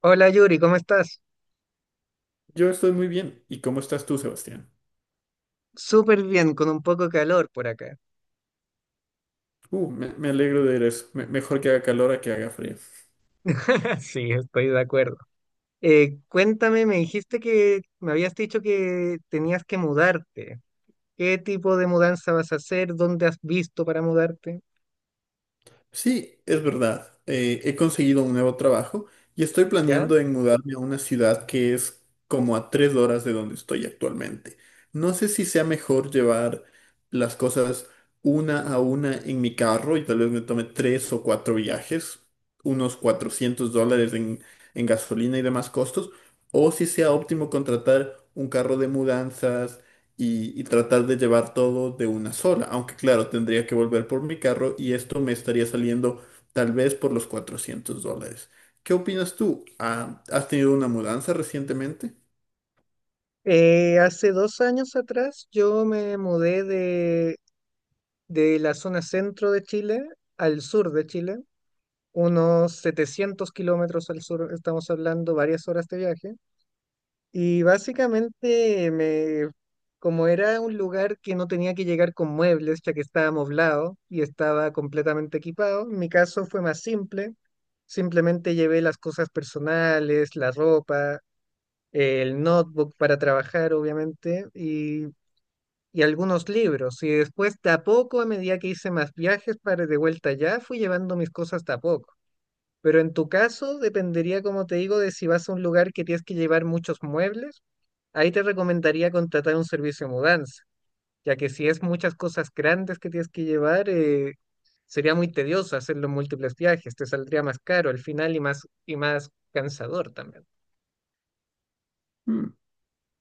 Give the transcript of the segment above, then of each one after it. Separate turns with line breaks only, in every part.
Hola Yuri, ¿cómo estás?
Yo estoy muy bien. ¿Y cómo estás tú, Sebastián?
Súper bien, con un poco de calor por acá.
Me alegro de ver eso. Mejor que haga calor a que haga frío.
Sí, estoy de acuerdo. Cuéntame, me habías dicho que tenías que mudarte. ¿Qué tipo de mudanza vas a hacer? ¿Dónde has visto para mudarte?
Sí, es verdad. He conseguido un nuevo trabajo y estoy
¿Ya?
planeando en mudarme a una ciudad que es como a 3 horas de donde estoy actualmente. No sé si sea mejor llevar las cosas una a una en mi carro y tal vez me tome tres o cuatro viajes, unos $400 en gasolina y demás costos, o si sea óptimo contratar un carro de mudanzas y tratar de llevar todo de una sola. Aunque claro, tendría que volver por mi carro y esto me estaría saliendo tal vez por los $400. ¿Qué opinas tú? Ah, ¿has tenido una mudanza recientemente?
Hace 2 años atrás yo me mudé de la zona centro de Chile al sur de Chile, unos 700 kilómetros al sur, estamos hablando varias horas de viaje. Y básicamente me, Como era un lugar que no tenía que llegar con muebles, ya que estaba amoblado y estaba completamente equipado, mi caso fue más simple. Simplemente llevé las cosas personales, la ropa, el notebook para trabajar, obviamente, y algunos libros. Y después, de a poco, a medida que hice más viajes para de vuelta allá, fui llevando mis cosas de a poco. Pero en tu caso, dependería, como te digo, de si vas a un lugar que tienes que llevar muchos muebles. Ahí te recomendaría contratar un servicio de mudanza, ya que si es muchas cosas grandes que tienes que llevar, sería muy tedioso hacerlo en múltiples viajes, te saldría más caro al final y más cansador también.
Mm,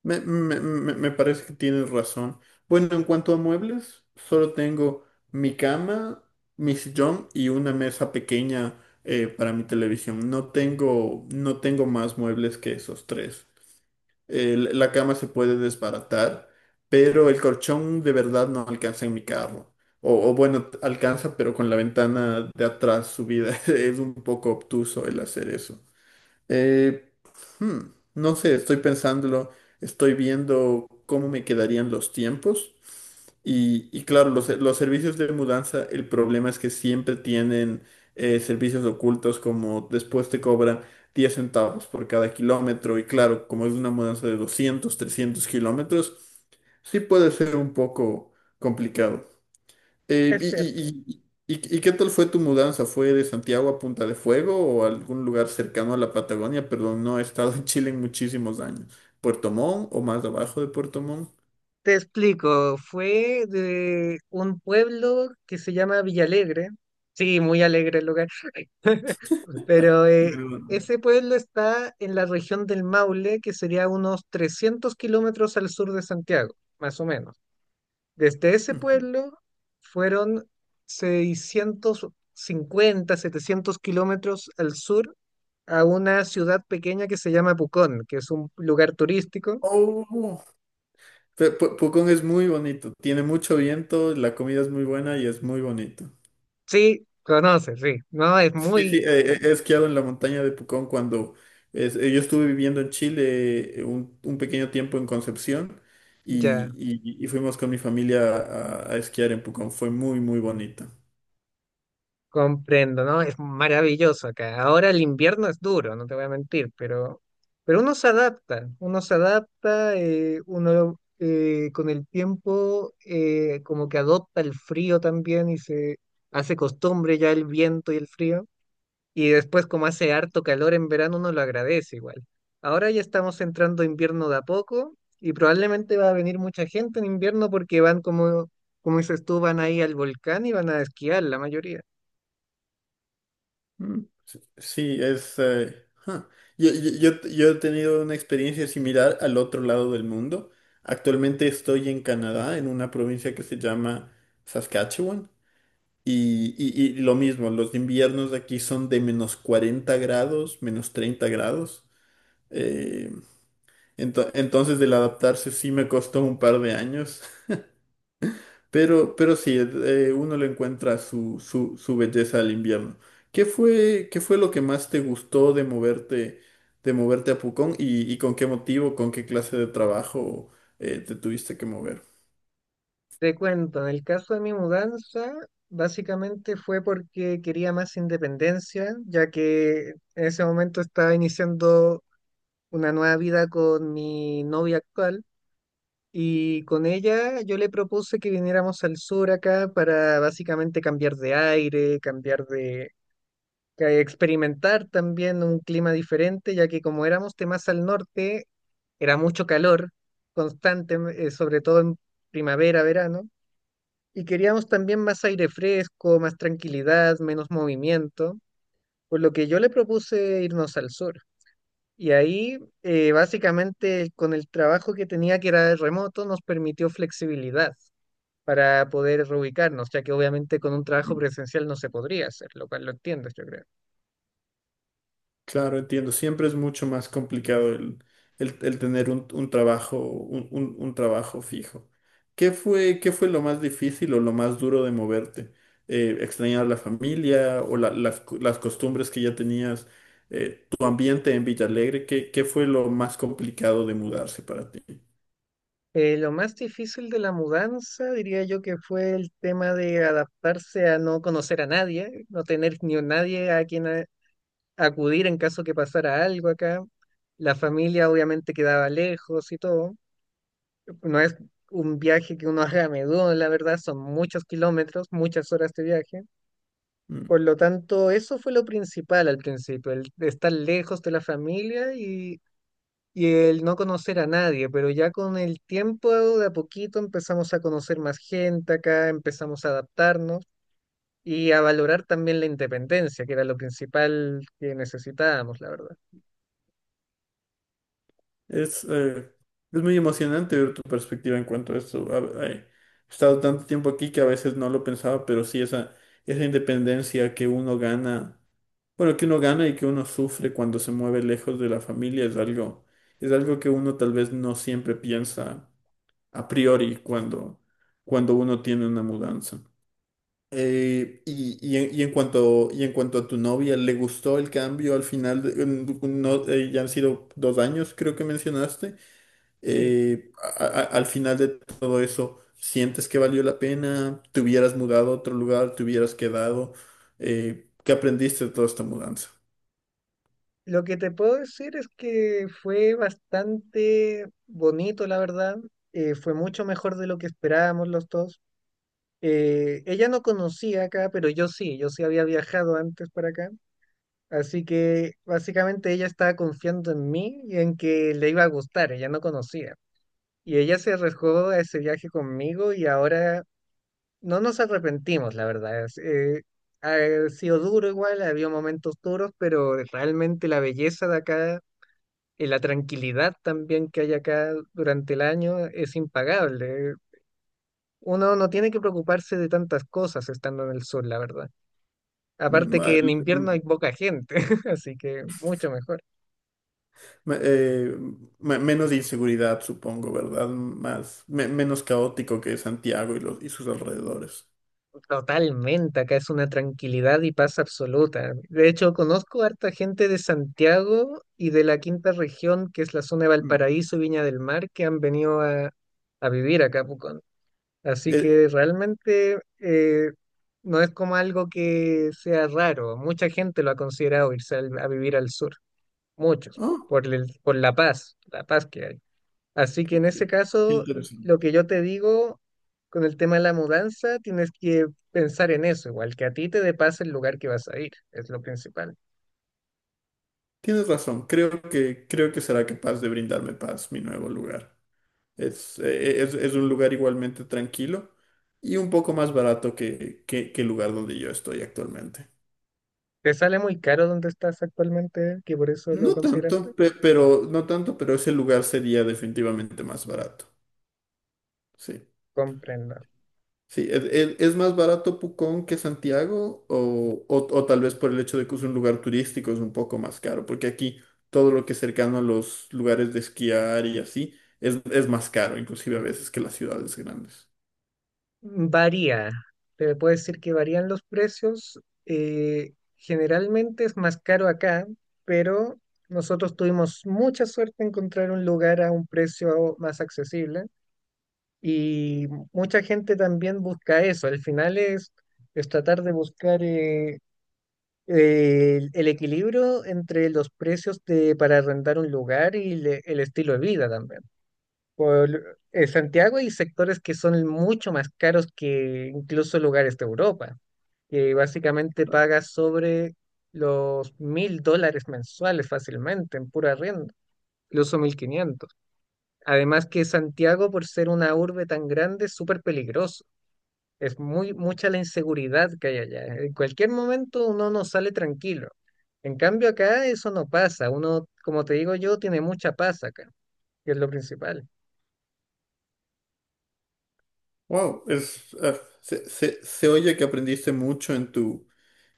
me parece que tienes razón. Bueno, en cuanto a muebles, solo tengo mi cama, mi sillón y una mesa pequeña para mi televisión. No tengo más muebles que esos tres. La cama se puede desbaratar, pero el colchón de verdad no alcanza en mi carro. O bueno, alcanza, pero con la ventana de atrás subida. Es un poco obtuso el hacer eso. Eh, hmm, no sé, estoy pensándolo, estoy viendo cómo me quedarían los tiempos. Y claro, los servicios de mudanza, el problema es que siempre tienen servicios ocultos como después te cobran 10 centavos por cada kilómetro. Y claro, como es una mudanza de 200, 300 kilómetros, sí puede ser un poco complicado. Eh,
Es
y,
cierto.
y- y- y- y qué tal fue tu mudanza? ¿Fue de Santiago a Punta de Fuego o algún lugar cercano a la Patagonia? Perdón, no he estado en Chile en muchísimos años. ¿Puerto Montt o más abajo de Puerto Montt?
Te explico, fue de un pueblo que se llama Villalegre. Sí, muy alegre el lugar, pero
Pero-
ese pueblo está en la región del Maule, que sería unos 300 kilómetros al sur de Santiago, más o menos. Desde ese pueblo fueron 650 700 kilómetros al sur a una ciudad pequeña que se llama Pucón, que es un lugar turístico.
Oh, Pucón es muy bonito, tiene mucho viento, la comida es muy buena y es muy bonito.
Sí, conoces, sí. No, es
Sí, sí,
muy,
he esquiado en la montaña de Pucón cuando yo estuve viviendo en Chile un pequeño tiempo en Concepción y,
ya.
y fuimos con mi familia a esquiar en Pucón. Fue muy, muy bonito.
Comprendo, ¿no? Es maravilloso acá. Ahora el invierno es duro, no te voy a mentir, pero uno se adapta, uno se adapta, uno con el tiempo como que adopta el frío también y se hace costumbre ya el viento y el frío. Y después como hace harto calor en verano, uno lo agradece igual. Ahora ya estamos entrando a invierno de a poco y probablemente va a venir mucha gente en invierno porque van como dices tú, van ahí al volcán y van a esquiar la mayoría.
Mm. Sí, sí, ja. Yo he tenido una experiencia similar al otro lado del mundo. Actualmente estoy en Canadá, en una provincia que se llama Saskatchewan. Y lo mismo, los inviernos de aquí son de -40 grados, -30 grados. Eh, entonces el adaptarse sí me costó un par de años, pero sí, uno le encuentra su, su belleza al invierno. ¿Qué fue lo que más te gustó de moverte a Pucón y con qué motivo, con qué clase de trabajo te tuviste que mover?
Te cuento, en el caso de mi mudanza, básicamente fue porque quería más independencia, ya que en ese momento estaba iniciando una nueva vida con mi novia actual y con ella yo le propuse que viniéramos al sur acá para básicamente cambiar de aire, que experimentar también un clima diferente, ya que como éramos más al norte, era mucho calor constante, sobre todo en primavera, verano y queríamos también más aire fresco, más tranquilidad, menos movimiento, por lo que yo le propuse irnos al sur. Y ahí, básicamente, con el trabajo que tenía, que era remoto, nos permitió flexibilidad para poder reubicarnos, ya que obviamente con un trabajo presencial no se podría hacer, lo cual lo entiendes, yo creo.
Claro, entiendo. Siempre es mucho más complicado el, el tener un trabajo, un, un trabajo fijo. ¿Qué fue lo más difícil o lo más duro de moverte? ¿Extrañar la familia o las costumbres que ya tenías, tu ambiente en Villalegre? ¿Qué fue lo más complicado de mudarse para ti?
Lo más difícil de la mudanza, diría yo que fue el tema de adaptarse a no conocer a nadie, no tener ni a nadie a quien acudir en caso que pasara algo acá. La familia obviamente quedaba lejos y todo. No es un viaje que uno haga a menudo, la verdad, son muchos kilómetros, muchas horas de viaje.
Mm.
Por lo tanto, eso fue lo principal al principio, el estar lejos de la familia y el no conocer a nadie. Pero ya con el tiempo, de a poquito, empezamos a conocer más gente acá, empezamos a adaptarnos y a valorar también la independencia, que era lo principal que necesitábamos, la verdad.
Es, eh, es muy emocionante ver tu perspectiva en cuanto a esto. He estado tanto tiempo aquí que a veces no lo pensaba, pero sí esa independencia que uno gana, bueno, que uno gana y que uno sufre cuando se mueve lejos de la familia es algo que uno tal vez no siempre piensa a priori cuando, cuando uno tiene una mudanza. Y en cuanto a tu novia, ¿le gustó el cambio al final? De- en- no, Ya han sido 2 años, creo que mencionaste
Sí.
al final de todo eso, ¿sientes que valió la pena? ¿Te hubieras mudado a otro lugar? ¿Te hubieras quedado? ¿Qué aprendiste de toda esta mudanza?
Lo que te puedo decir es que fue bastante bonito, la verdad. Fue mucho mejor de lo que esperábamos los dos. Ella no conocía acá, pero yo sí, yo sí había viajado antes para acá. Así que básicamente ella estaba confiando en mí y en que le iba a gustar, ella no conocía. Y ella se arriesgó a ese viaje conmigo y ahora no nos arrepentimos, la verdad. Ha sido duro igual, había momentos duros, pero realmente la belleza de acá y la tranquilidad también que hay acá durante el año es impagable. Uno no tiene que preocuparse de tantas cosas estando en el sur, la verdad. Aparte
Ma-
que en invierno hay poca gente, así que mucho mejor.
ma- eh, Menos inseguridad, supongo, ¿verdad? Menos caótico que Santiago y y sus alrededores.
Totalmente, acá es una tranquilidad y paz absoluta. De hecho, conozco harta gente de Santiago y de la quinta región, que es la zona de
Mm.
Valparaíso y Viña del Mar, que han venido a vivir acá a Pucón. Así
Eh,
que realmente no es como algo que sea raro. Mucha gente lo ha considerado irse a vivir al sur, muchos,
oh,
por la paz que hay. Así que en ese
qué
caso, lo
interesante.
que yo te digo con el tema de la mudanza, tienes que pensar en eso, igual que a ti te dé paz el lugar que vas a ir, es lo principal.
Tienes razón, creo que será capaz de brindarme paz mi nuevo lugar. Es un lugar igualmente tranquilo y un poco más barato que, que el lugar donde yo estoy actualmente.
¿Te sale muy caro donde estás actualmente, que por eso lo
No
consideraste?
tanto, pero, no tanto, pero ese lugar sería definitivamente más barato. Sí.
Comprendo.
Sí, ¿es, es más barato Pucón que Santiago? O tal vez por el hecho de que es un lugar turístico es un poco más caro, porque aquí todo lo que es cercano a los lugares de esquiar y así es más caro, inclusive a veces que las ciudades grandes.
Varía, te puedo decir que varían los precios. Generalmente es más caro acá, pero nosotros tuvimos mucha suerte en encontrar un lugar a un precio más accesible y mucha gente también busca eso. Al final es tratar de buscar el equilibrio entre los precios para arrendar un lugar y el estilo de vida también por Santiago hay sectores que son mucho más caros que incluso lugares de Europa, que básicamente pagas sobre los 1.000 dólares mensuales fácilmente en pura renta, incluso 1.500. Además que Santiago, por ser una urbe tan grande, es súper peligroso. Es muy mucha la inseguridad que hay allá. En cualquier momento uno no sale tranquilo. En cambio acá eso no pasa. Uno, como te digo yo, tiene mucha paz acá, que es lo principal.
Wow, ah, se oye que aprendiste mucho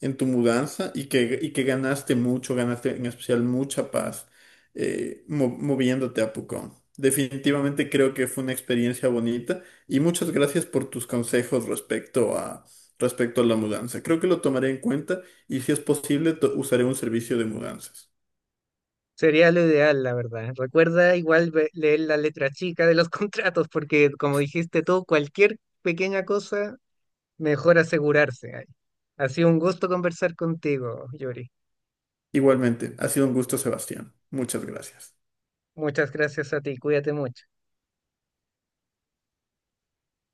en tu mudanza y que ganaste mucho, ganaste en especial mucha paz moviéndote a Pucón. Definitivamente creo que fue una experiencia bonita y muchas gracias por tus consejos respecto a, respecto a la mudanza. Creo que lo tomaré en cuenta y si es posible usaré un servicio de mudanzas.
Sería lo ideal, la verdad. Recuerda igual leer la letra chica de los contratos, porque como dijiste tú, cualquier pequeña cosa, mejor asegurarse ahí. Ha sido un gusto conversar contigo, Yuri.
Igualmente, ha sido un gusto, Sebastián. Muchas gracias.
Muchas gracias a ti, cuídate mucho.